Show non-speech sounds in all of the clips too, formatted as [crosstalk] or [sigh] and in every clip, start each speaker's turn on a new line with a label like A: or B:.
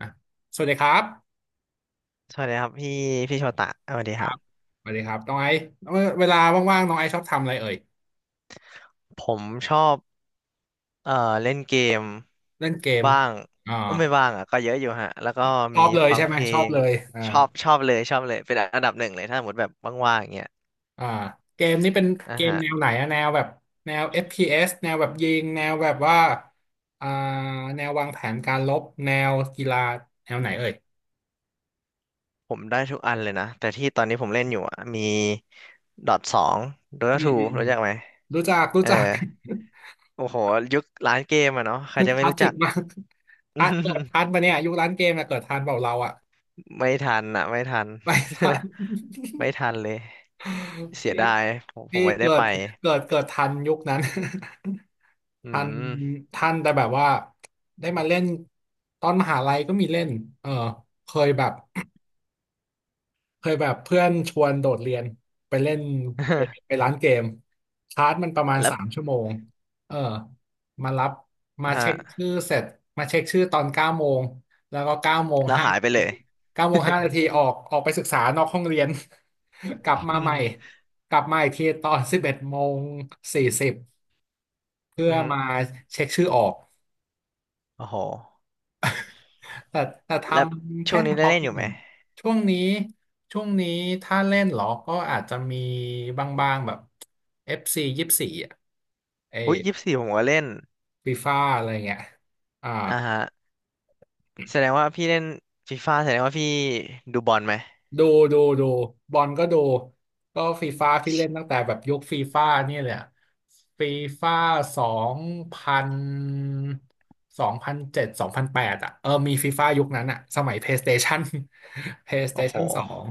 A: อ่ะสวัสดีครับ
B: สวัสดีครับพี่โชตะสวัสดี
A: ค
B: ค
A: รั
B: รั
A: บ
B: บ
A: สวัสดีครับน้องไอซ์เวลาว่างๆน้องไอซ์ชอบทำอะไรเอ่ย
B: ผมชอบ เอ่อเล่นเกม
A: เล่นเกม
B: บ้าง
A: อ่า
B: เอ้ยไม่บ้างอ่ะก็เยอะอยู่ฮะแล้วก็
A: ชอ
B: มี
A: บเลย
B: ฟั
A: ใช่
B: ง
A: ไหม
B: เพล
A: ชอบ
B: ง
A: เลยอ่า
B: ชอบชอบเลยชอบเลยเป็นอันดับหนึ่งเลยถ้าสมมติแบบว่างๆอย่างเงี้ย
A: อ่าเกมนี้เป็น
B: อ่ะ
A: เกม
B: ฮะ
A: แนวไหนอะแนวแบบแนว FPS แนวแบบยิงแนวแบบว่าอ่าแนววางแผนการรบแนวกีฬาแนวไหนเอ่ย
B: ผมได้ทุกอันเลยนะแต่ที่ตอนนี้ผมเล่นอยู่อ่ะมีดอทสองโด
A: อื
B: ตา
A: ม
B: ทู
A: อืมอื
B: รู้
A: ม
B: จักไหม
A: รู้จักรู้
B: เออ
A: จัก [laughs]
B: โอ้โหยุคร้านเกมอ่ะเนาะใค
A: ค
B: รจะไม่
A: ลาส
B: รู้
A: สิ
B: จั
A: ก
B: ก
A: มากทันเกิดทั
B: [laughs]
A: นปะเนี่ยยุคร้านเกมอะเกิดทันเปล่าเราอะ
B: ไม่ทันอ่ะไม่ทัน
A: ไม่ทัน
B: [laughs] ไม่ทันเลยเสียดายผมผ
A: พี่
B: มไม่ได้ไป
A: เกิดทันยุคนั้น
B: อื
A: [laughs] ทัน
B: ม
A: ทันแต่แบบว่าได้มาเล่นตอนมหาลัยก็มีเล่นเออเคยแบบ เคยแบบเพื่อนชวนโดดเรียนไปเล่นเกมไป
B: [laughs]
A: ร้านเกมชาร์จมันประมาณ
B: แล้
A: สา
B: ว
A: มชั่วโมงเออมารับมา
B: ฮะ
A: เช็คชื่อเสร็จมาเช็คชื่อตอนเก้าโมงแล้วก็
B: แล้วหายไปเลย
A: เก้าโมงห้านาทีออกไปศึกษานอกห้องเรียน [laughs] กลับ
B: [laughs]
A: มา
B: อื
A: ใหม่
B: ม
A: กลับมาอีกทีตอน11 โมง 40เพื่
B: อ
A: อ
B: หืม
A: มาเช็คชื่อออก
B: โอ้โห
A: แต่แต่ท
B: แล้ว
A: ำ
B: ช่
A: แค่
B: วง
A: เฉ
B: นี้ได้
A: พาะ
B: เล่น
A: ปี
B: อยู่
A: ห
B: ไหม
A: นึ่งช่วงนี้ช่วงนี้ถ้าเล่นเหรอก็อาจจะมีบางๆแบบ FC 24อ่ะเอ
B: อุ้ยยี่สิบสี่ผมก็เล่น
A: ฟีฟ่าอะไรเงี้ยอ่า
B: อ่าฮะแสดงว่าพี่เล่นฟีฟ่าแสดงว่าพี่ดูบอลไหม
A: ดูดูบอลก็ดูก็ฟีฟ่าพี่เล่นตั้งแต่แบบยุคฟีฟ่านี่เลยอะฟีฟ่าสองพัน20072008อ่ะเออมีฟีฟ่ายุคนั้นอ่ะสมัย PlayStation [laughs]
B: โอ้โห
A: PlayStation 2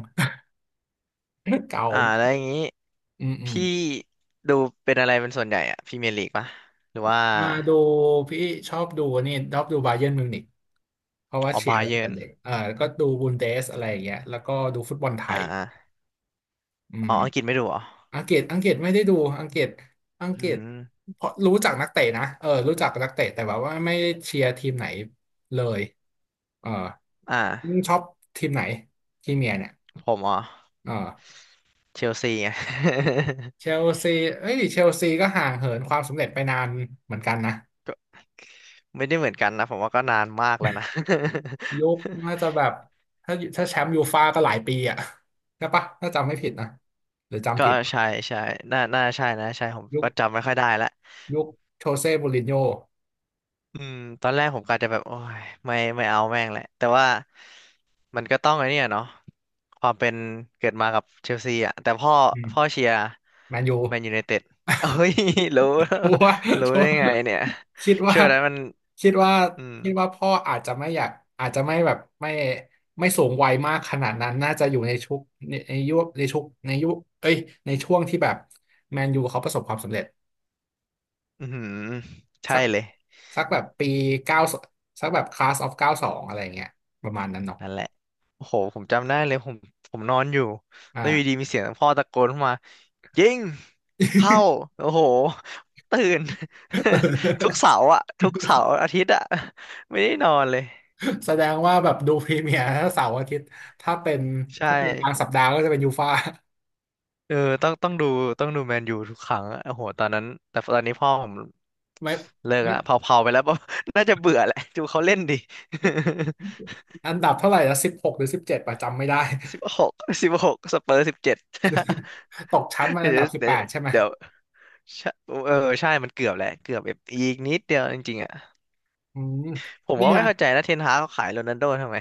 A: [laughs] เก่า
B: อ่าแล้วอย่างนี้
A: อืมอืม
B: พี่ดูเป็นอะไรเป็นส่วนใหญ่อะพรีเมียร์ลีกปะหรือว่า
A: มาดูพี่ชอบดูนี่ชอบดูบาเยิร์นมิวนิกเพราะว่า
B: ออ
A: เชียร์
B: บา
A: อะไร
B: เยิ
A: แต่
B: ร์น
A: เด็กอ่าแล้วก็ดูบุนเดสอะไรอย่างเงี้ยแล้วก็ดูฟุตบอลไท
B: อ่
A: ย
B: า
A: อื
B: อ๋อ
A: ม
B: อังกฤษไม่ดูเหรอ
A: อังกฤษไม่ได้ดูอังกฤษอัง
B: อื
A: กฤษ
B: ม
A: เพราะรู้จักนักเตะนะเออรู้จักนักเตะแต่แบบว่าไม่ได้เชียร์ทีมไหนเลยเออ
B: อ่า
A: ยิ่งชอบทีมไหนทีมเมียเนี่ย
B: ผมอ๋อ
A: เออ
B: เชลซีไง [laughs]
A: เชลซีเอ้ยเชลซีก็ห่างเหินความสำเร็จไปนานเหมือนกันนะ
B: ก็ไม่ได้เหมือนกันนะผมว่าก็นานมากแล้วนะ
A: ยุคน่าจะ
B: [laughs]
A: แบบถ้าแชมป์ยูฟ่าก็หลายปีอ่ะใช่ปะถ้าจำไม่ผิดนะหรือ
B: ก็
A: จำผิด
B: ใช่ใช่น่าน่าใช่นะใช่ผม
A: ยุค
B: ก็จำไม่ค่อยได้ละ
A: ยุคโชเซ่มูรินโญ่
B: อืมตอนแรกผมกะจะแบบโอ้ยไม่เอาแม่งแหละแต่ว่ามันก็ต้องไอ้เนี่ยเนาะความเป็นเกิดมากับเชลซีอ่ะแต่พ่อ
A: อื
B: พ่อ
A: ม
B: เชียร์
A: แมนยู
B: แมนยูไน [laughs] เต็ดเฮ้ย [laughs] รู้
A: [laughs] ชัวร์
B: รู้
A: ชัว
B: ได้
A: ร์
B: ไงเนี่ย
A: คิดว่า
B: เชื่อแล้วมัน
A: คิดว่า
B: อืม
A: คิดว่าพ่ออาจจะไม่อยากอาจจะไม่แบบไม่ไม่สูงวัยมากขนาดนั้นน่าจะอยู่ในชุกในยุคเอ้ยในช่วงที่แบบแมนยูเขาประสบความสำเร็จ
B: อือหือใช่
A: สัก
B: เลย
A: สักแบบปีเก้าสักแบบคลาสออฟ 92อะไรอย่างเงี้ยประมาณนั้นเนาะ
B: นั่นแหละ โอ้โห ผมจำได้เลยผมผมนอนอยู่
A: อ่า
B: แล้วอยู่ดีมีเสียงพ่อตะโกนเข้ามายิงเข้า
A: [laughs]
B: โอ้โหตื่น [laughs] ทุกเสาร์อะทุกเสาร์อาทิตย์อะไม่ได้นอนเลย
A: แสดงว่าแบบดูพรีเมียร์เสาร์อาทิตย์ถ้าเป็น
B: ใช่
A: ถ้าเป็นกลางสัปดาห์ก็จะเป็นยูฟ่า
B: เออต้องดูต้องดูแมนยูทุกครั้งอะโอ้โหตอนนั้นแต่ตอนนี้พ่อผม
A: [laughs] ไม่
B: เลิก
A: ไม่
B: ละเผาๆไปแล้ว [laughs] น่าจะเบื่อแหละ ดูเขาเล่นดิ
A: อันดับเท่าไหร่ละ16หรือ17ประจำไม่ได้
B: [laughs] สิบหกสิบหกสเปอร์สิบเจ็ด
A: [laughs] ตกชั้น
B: [laughs]
A: มา
B: เดี๋
A: อันดั
B: ยว
A: บสิบ
B: เด
A: แปดใช่ไหม
B: ี๋ยว ใช่เออใช่มันเกือบแหละเกือบแบบอีกนิดเดียวจริงๆอ่ะ
A: อืมเ
B: ผม
A: นี่
B: ก็
A: ย
B: ไม่เข้าใจนะเทนฮากเขาขายโรนัลโดทำไม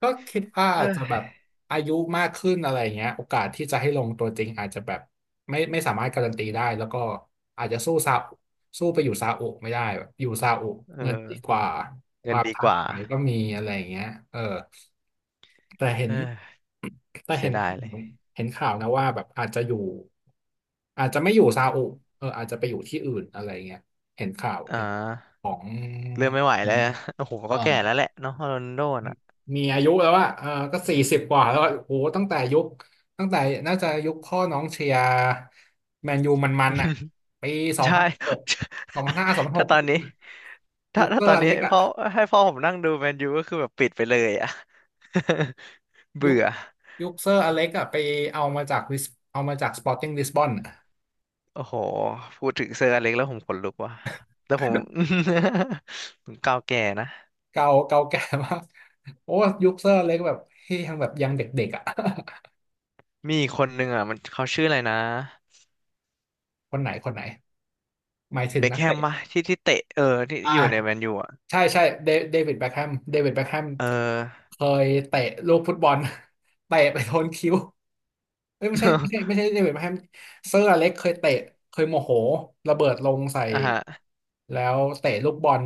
A: ก็คิดว่า
B: [laughs] เอ
A: อาจจะ
B: อ
A: แบบอายุมากขึ้นอะไรอย่างเงี้ยโอกาสที่จะให้ลงตัวจริงอาจจะแบบไม่สามารถการันตีได้แล้วก็อาจจะสู้ซาอุสู้ไปอยู่ซาอุไม่ได้แบบอยู่ซาอุ
B: เ
A: เงินดี
B: ออ
A: กว่าค
B: เงิน
A: วาม
B: ดี
A: ท้า
B: กว่า
A: ทายก็มีอะไรอย่างเงี้ยเออแต่เห็น
B: เออ
A: แต่
B: เสี
A: เห็
B: ย
A: น
B: ดายเลย
A: เห็นข่าวนะว่าแบบอาจจะไม่อยู่ซาอุเอออาจจะไปอยู่ที่อื่นอะไรเงี้ยเห็นข่าว
B: อ่
A: เห็น
B: า
A: ของ
B: เริ่มไม่ไหวแล้ว [laughs] อะโอ้โห
A: เอ่
B: ก็
A: อ
B: แก่แล้วแหละเนาะโรนัลโดน่ะ
A: มีอายุแล้วอะเออก็สี่สิบกว่าแล้วอะโอ้โหตั้งแต่น่าจะยุคพ่อน้องเชียร์แมนยูมันๆอะ
B: [laughs]
A: ปีสอง
B: ใช่
A: พันหก2005สองพั
B: [laughs]
A: นห
B: ถ้า
A: ก
B: ตอนนี้ถ้า
A: ยุคเซ
B: ถ้า
A: อ
B: ตอ
A: ร์
B: น
A: อ
B: นี้
A: เล็ก
B: พ่อ
A: อะ
B: ให้พ่อผมนั่งดูแมนยูก็คือแบบปิดไปเลยอ่ะ [laughs]
A: ยุ
B: เบื่
A: ค
B: อ
A: ยุคเซอร์อเล็กอะไปเอามาจากลิสเอามาจากสปอร์ติ้งลิสบอน
B: โอ้โหพูดถึงเซอร์อเล็กแล้วผมขนลุกว่ะแล้วผม [laughs] ผมก้าวแก่นะ
A: เก่าแก่มากโอ้ยุคเซอร์อเล็กแบบที่ยังแบบยังเด็กๆอะ [laughs]
B: มีอีกคนนึงอ่ะมันเขาชื่ออะไรนะ
A: คนไหนคนไหนหมายถึ
B: เบ
A: ง
B: ค
A: นัก
B: แฮม
A: เตะ
B: ปะที่ที่เตะเออที่
A: อ่า
B: ที่อยู่ในแมนยูอ่ะ
A: ใช่ใช่เดวิดแบ็คแฮม
B: เออ
A: เคยเตะลูกฟุตบอล [laughs] เตะไปโดนคิ้วเอ้ยไม่ใช่ไม่ใช่ไม่
B: [laughs]
A: ใช่เดวิดแบ็คแฮมเซอร์อเล็กเคยเตะเคยโมโหระเบิดลงใส่
B: อ่ะฮะ
A: แล้วเตะลูกบอล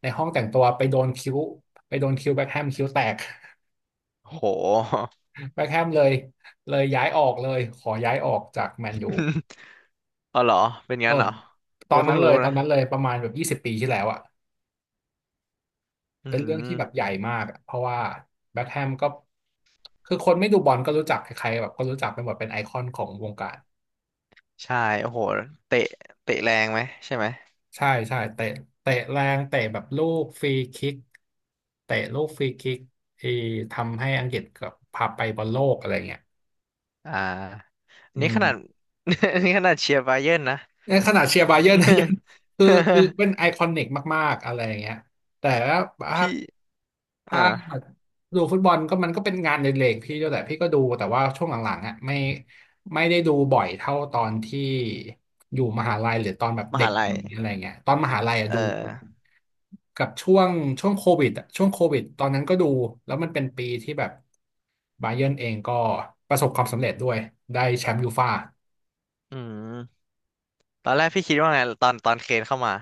A: ในห้องแต่งตัวไปโดนคิ้วไปโดนคิ้วแบ็คแฮมคิ้วแตก
B: โห
A: [laughs] แบ็คแฮมเลยเลยย้ายออกเลยขอย้ายออกจากแมนยู
B: [laughs] เอาเหรอเป็น
A: เอ
B: งั้
A: อ
B: นเหรอ
A: ต
B: ผ
A: อ
B: ม
A: นนั้
B: เพิ่
A: น
B: ง
A: เล
B: รู้
A: ย
B: นะ
A: ประมาณแบบ20 ปีที่แล้วอะ
B: อื
A: เป็นเรื่องที่แบบให
B: ม
A: ญ่มากอะเพราะว่าแบ็คแฮมก็คือคนไม่ดูบอลก็รู้จักใครๆแบบก็รู้จักไปหมดเป็นไอคอนของวงการ
B: ใช่โอ้โหเตะเตะแรงไหมใช่ไหม
A: ใช่ใช่เตะแรงเตะแบบลูกฟรีคิกเตะลูกฟรีคิกเออทำให้อังกฤษกับพาไปบอลโลกอะไรเงี้ย
B: อ่าอัน
A: อื
B: นี้ขนาด
A: ม
B: [laughs] อันนี้ขนาดเชียร์บาเยิร์นนะ
A: ในขณะเชียร์บาเยิร์นนะยัง [laughs] คือเป็นไอ
B: [laughs]
A: คอนิกมากๆอะไรอย่างเงี้ยแต่ว่า
B: พี่
A: ถ้า
B: อ่า
A: ดูฟุตบอลก็มันก็เป็นงานเล็กๆพี่ด้วยแหละพี่ก็ดูแต่ว่าช่วงหลังๆอ่ะไม่ได้ดูบ่อยเท่าตอนที่อยู่มหาลัยหรือตอนแบบ
B: ม
A: เด็
B: หา
A: ก
B: ลัย
A: อะไรเงี้ยตอนมหาลัยอะ
B: เอ
A: ดู
B: อ
A: กับช่วงโควิดอะช่วงโควิดตอนนั้นก็ดูแล้วมันเป็นปีที่แบบบาเยิร์นเองก็ประสบความสำเร็จด้วยได้แชมป์ยูฟ่า
B: อืมตอนแรกพี่คิดว่าไงตอนตอนเคนเข้ามา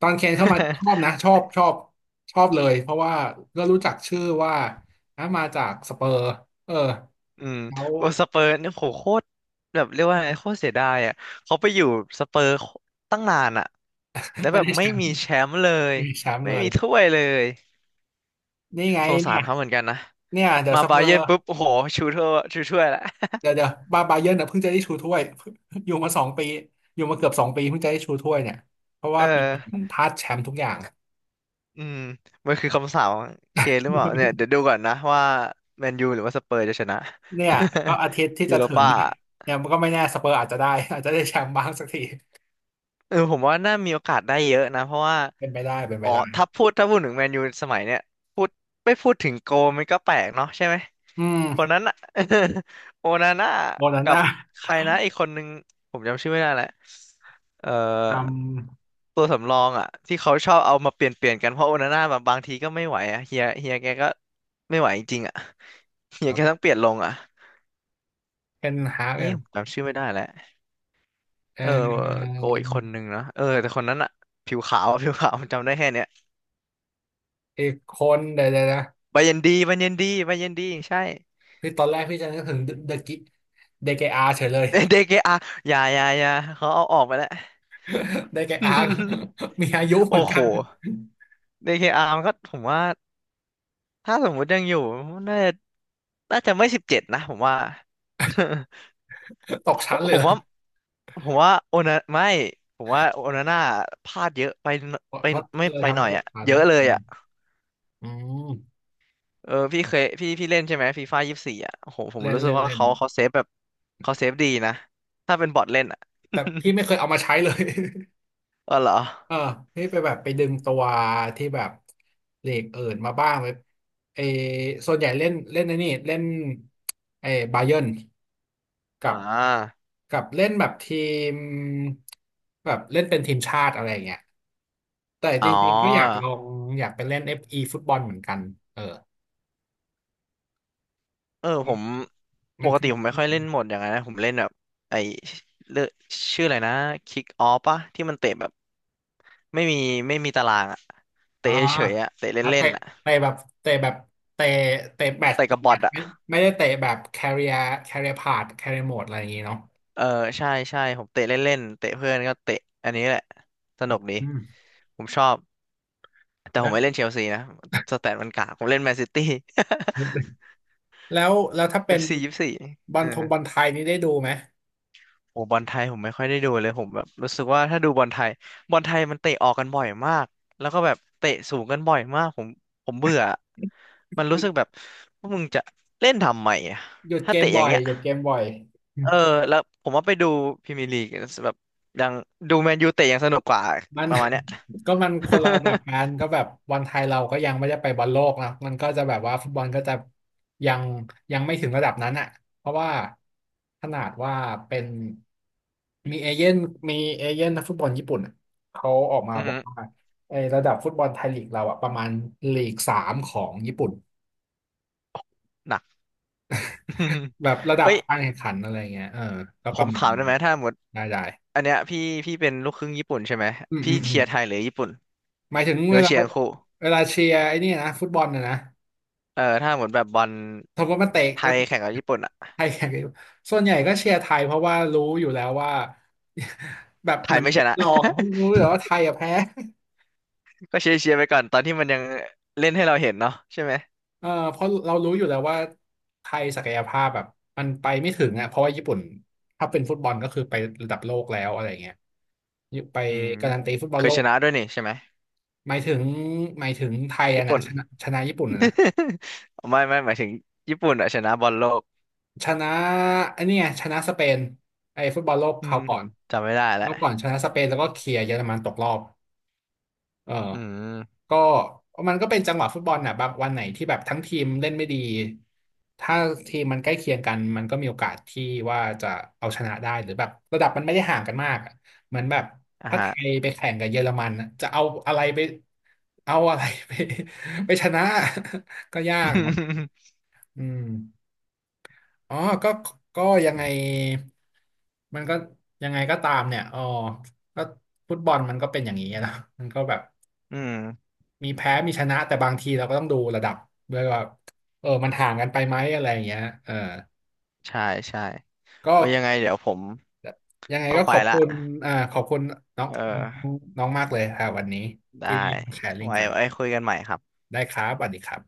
A: ตอนเคนเข้ามาชอบ
B: [laughs]
A: นะชอบชอบเลยเพราะว่าก็รู้จักชื่อว่าอ่ะมาจากสเปอร์เออ
B: อืม
A: แล้ว
B: โอสเปอร์เนี่ยโหโคตรแบบเรียกว่าไงโคตรเสียดายอ่ะเขาไปอยู่สเปอร์ตั้งนานอ่ะแล้
A: [laughs]
B: ว
A: ไม่
B: แบบ
A: ได้แช
B: ไม่
A: มป์
B: มีแชมป์เลย
A: มีแชมป์
B: ไม่
A: เลย
B: มีถ้วยเลย
A: นี่ไง
B: สงสา
A: เนี่
B: ร
A: ย
B: เขาเหมือนกันนะ
A: เนี่ยเดี๋ยว
B: มา
A: ซัปเป
B: บา
A: อ
B: เยิ
A: ร์
B: ร์นปุ๊บโอ้โหชูถ้วยชูถ้วยละ
A: เดี๋ยวบาเยิร์นเนี่ยเพิ่งจะได้ชูถ้วย [laughs] อยู่มาสองปีอยู่มาเกือบสองปีเพิ่งจะได้ชูถ้วยเนี่ยเพราะ
B: เอ
A: ว่า
B: อ
A: ปีก่อนพลาดแชมป์ทุกอย่าง
B: อืมมันคือคำสาปของเคนหรือเปล่าเนี่ยเดี๋ยวดูก่อนนะว่าแมนยูหรือว่าสเปอร์จะชนะ
A: เนี่ยก็อาทิตย์ที่
B: [laughs] ยู
A: จะ
B: โร
A: ถึง
B: ป้า
A: เนี่ยเนี่ยมันก็ไม่แน่สเปอร์อาจจะได้ [laughs] อาจจะได้แชมป์บ้างสักที
B: เออผมว่าน่ามีโอกาสได้เยอะนะเพราะว่า
A: เป็นไปได้เป็นไป
B: อ๋อ
A: ได้
B: ถ้าพูดถึงแมนยูสมัยเนี้ยพูดไม่พูดถึงโกมันก็แปลกเนาะใช่ไหม
A: อืม
B: คนนั้นอะ [laughs] โอนาน่า
A: โมนา
B: กับ
A: น่า
B: ใครนะอีกคนนึงผมจำชื่อไม่ได้แหละเอ่อ
A: จ
B: ตัวสำรองอะที่เขาชอบเอามาเปลี่ยนเปลี่ยนกันเพราะโอนาน่าแบบบางทีก็ไม่ไหวอะเฮียแกก็ไม่ไหวจริงๆอะเฮี
A: ำค
B: ย
A: รั
B: แก
A: บ
B: ต้องเปลี่ยนลงอะ
A: เป็นฮาร์ก
B: นี่
A: เนี่ย
B: ผมจำชื่อไม่ได้แล้ว
A: เ
B: เออ
A: ออ
B: โกอีกคนนึงนะเออแต่คนนั้นอะผิวขาว [laughs] ผิวขาวจำได้แค่เนี้ย
A: อีกคนเดี๋ยวนะ
B: บาเย็นดีบาเย็นดีบาเย็นดีใช่
A: พี่ตอนแรกจะนึกถึงเดอะกิเดเกอาเฉยเลย
B: [laughs] เดเคอาอย่าอย่าอย่าเขาเอาออกไปแล้ว
A: [laughs] ได้แก่อาร์ค
B: [laughs]
A: [laughs] มีอายุเห
B: โอ้
A: มือน
B: โห
A: กัน
B: เดเคอาร์มันก็ผมว่าถ้าสมมุติยังอยู่ น่าจะน่าจะไม่สิบเจ็ดนะผมว่า
A: [laughs] ตกชั้น
B: [laughs]
A: เล
B: ผ
A: ยเห
B: ม
A: รอ
B: ว่า ผมว่าโอนาไม่ผมว่าโอนาน่าพลาดเยอะไปหน
A: เพราะ
B: ไป
A: เพราะ
B: ไม่
A: เลย
B: ไป
A: ทำ
B: หน่
A: ให้
B: อย
A: ตก
B: อะ
A: ชั้น
B: เยอะเล
A: อื
B: ย
A: ม
B: อะ
A: อืม
B: เออพี่เคยพี่เล่นใช่ไหมฟีฟ่ายี่สิบสี่อ่ะโอ้โหผม
A: เล่น
B: รู้สึก
A: เล่น
B: ว่า
A: เล่น
B: เขาเซฟแบบเขาเซฟดีนะถ้าเป็นบอทเล่นอ่ะ
A: แต่พี่ไม่เคยเอามาใช้เลย
B: [laughs] เออเหรอ
A: [laughs] เออพี่ไปแบบไปดึงตัวที่แบบเลกเอิดมาบ้างไลเออส่วนใหญ่เล่นเล่นไอ้นี่เล่นเออบาเยิร์น
B: อ่
A: กับ
B: า
A: กับเล่นแบบทีมแบบเล่นเป็นทีมชาติอะไรอย่างเงี้ยแต่จ
B: อ๋อ
A: ริงๆก็อยากลองอยากไปเล่น FE ฟอีฟุตบอลเหมือนกันเออ
B: เออผมป
A: มัน
B: ก
A: คื
B: ติ
A: อ
B: ผมไม่ค่อยเล่นโหมดอย่างนั้นนะผมเล่นแบบไอเลือกชื่ออะไรนะคิกออฟปะที่มันเตะแบบไม่มีไม่มีตารางอ่ะ
A: อ๋อ
B: เตะเฉยๆอ่ะเตะ
A: อ่ะ
B: เล่
A: เตะ
B: นๆอ่ะ
A: เตะแบบเตะแบบเตะเตะแบต
B: เตะ
A: ต่อ
B: กับบ
A: แบ
B: อท
A: ต
B: อ่ะ
A: ไม่ได้เตะแบบ career career mode อะไรอย่างงี้เนาะ
B: เออใช่ใช่ผมเตะเล่นๆเตะเพื่อนก็เตะอันนี้แหละสนุกดี
A: อืม
B: ผมชอบ แต่ผ
A: แล้
B: ม
A: ว
B: ไม่เล่นเชลซีนะสแตทมันกากผมเล่นแมนซิตี้
A: แล้วถ้า
B: [laughs] เอ
A: เป็น
B: ฟซี24
A: บอ
B: เอ
A: ลท
B: อ
A: งบอลไทยนี่ได้ดูไหม
B: โอ้บอลไทยผมไม่ค่อยได้ดูเลยผมแบบรู้สึกว่าถ้าดูบอลไทยบอลไทยมันเตะออกกันบ่อยมากแล้วก็แบบเตะสูงกันบ่อยมากผมเบื่อมัน
A: ห
B: รู้
A: ยุ
B: สึก
A: ด
B: แบบว่ามึงจะเล่นทำไมอะ
A: หยุด
B: ถ้า
A: เกม
B: เตะอ
A: บ่
B: ย่าง
A: อย
B: เงี้ย
A: หยุดเกมบ่อย
B: เออแล้วผมว่าไปดูพรีเมียร์ลีกแบบยังดูแมนยูเตะยังสนุกกว่า
A: มัน
B: ประมาณเนี้ย
A: [laughs] ก็มันคนละระดับกัน
B: [laughs]
A: ก็แบบบอลไทยเราก็ยังไม่ได้ไปบอลโลกนะมันก็จะแบบว่าฟุตบอลก็จะยังยังไม่ถึงระดับนั้นอ่ะเพราะว่าขนาดว่าเป็นมีเอเย่นมีเอเย่นนักฟุตบอลญี่ปุ่นอะเขาออกมา
B: อือ
A: บอ
B: หื
A: ก
B: อ
A: ว่าไอ้ระดับฟุตบอลไทยลีกเราอ่ะประมาณลีกสามของญี่ปุ่น
B: หนัก [laughs]
A: แบบระดับ
B: เอ้ย
A: การแข่งขันอะไรเงี้ยเออก็
B: ผ
A: ประ
B: ม
A: มา
B: ถา
A: ณ
B: มได้ไหมถ้าหมด
A: ได้
B: อันเนี้ยพี่เป็นลูกครึ่งญี่ปุ่นใช่ไหม
A: อืม
B: พี่
A: อืมอื
B: เชี
A: ม
B: ยร์ไทยหรือญี่ปุ่น
A: หมายถึง
B: หรือ
A: เว
B: ว่า
A: ลา
B: เชียร์ทั้งคู่
A: เวลาเชียร์ไอ้นี่นะฟุตบอลนะนะ
B: เออถ้าหมดแบบบอล
A: สมมติมันเตะ
B: ไท
A: มัน
B: ย
A: เตะ
B: แข่งกับญี่ปุ่นอ่ะ
A: ไทยแข่งกันอยู่ส่วนใหญ่ก็เชียร์ไทยเพราะว่ารู้อยู่แล้วว่า [laughs] แบบ
B: ไท
A: เห
B: ย
A: มือน
B: ไม่
A: เชี
B: ช
A: ยร์
B: นะ
A: รองเพราะรู้อยู่แล้วว่าไทยอะแพ้
B: [laughs] ก็เชียร์เชียร์ไปก่อนตอนที่มันยังเล่นให้เราเห็นเนาะใช่ไหม
A: [laughs] เออเพราะเรารู้อยู่แล้วว่าไทยศักยภาพแบบมันไปไม่ถึงอ่ะเพราะว่าญี่ปุ่นถ้าเป็นฟุตบอลก็คือไประดับโลกแล้วอะไรเงี้ยไป
B: อืม
A: การันตีฟุตบอ
B: เค
A: ลโล
B: ยช
A: ก
B: นะด้วยนี่ใช่ไหม
A: หมายถึงหมายถึงไทยอะ
B: ญี่
A: นะ
B: ปุ่น
A: ชนะชนะญี่ปุ่นอะนะ
B: [laughs] ไม่หมายถึงญี่ปุ่นอะชนะบอลโลก
A: ชนะอันนี้ไงชนะสเปนไอ้ฟุตบอลโลก
B: อื
A: ครา
B: ม
A: วก่
B: ผ
A: อ
B: ม
A: น
B: จำไม่ได้แล้
A: แล้
B: ว
A: วก่อนชนะสเปนแล้วก็เคลียร์เยอรมันตกรอบ เออ
B: อืม
A: ก็มันก็เป็นจังหวะฟุตบอลน่ะบางวันไหนที่แบบทั้งทีมเล่นไม่ดีถ้าทีมมันใกล้เคียงกันมันก็มีโอกาสที่ว่าจะเอาชนะได้หรือแบบระดับมันไม่ได้ห่างกันมากอะเหมือนแบบ
B: อ่ะ
A: ถ้าไท
B: ฮะ
A: ยไปแข่งกับเยอรมันน่ะจะเอาอะไรไปเอาอะไรไป [laughs] ไปชนะ [laughs] ก็ยากเนาะ
B: [laughs]
A: อืมอ๋อก็ก็ยังไงมันก็ยังไงก็ตามเนี่ยอ๋อก็ฟุตบอลมันก็เป็นอย่างนี้นะมันก็แบบ
B: อืม
A: มีแพ้ มีชนะ แต่บางทีเราก็ต้องดูระดับด้วยว่าเออมันห่างกันไปไหมอะไรอย่างเงี้ยเออ
B: ใช่ใช่
A: ก็
B: โอ้ยยังไงเดี๋ยวผม
A: ยังไง
B: ต้อง
A: ก็
B: ไป
A: ขอบ
B: ละ
A: คุณอ่าขอบคุณน้อง
B: เออ
A: น้องมากเลยค่ะวันนี้
B: ได้
A: ที่มาแชร์ลิงก์
B: ไว้
A: กัน
B: ไว้คุยกันใหม่ครับ
A: ได้ครับสวัสดีครับ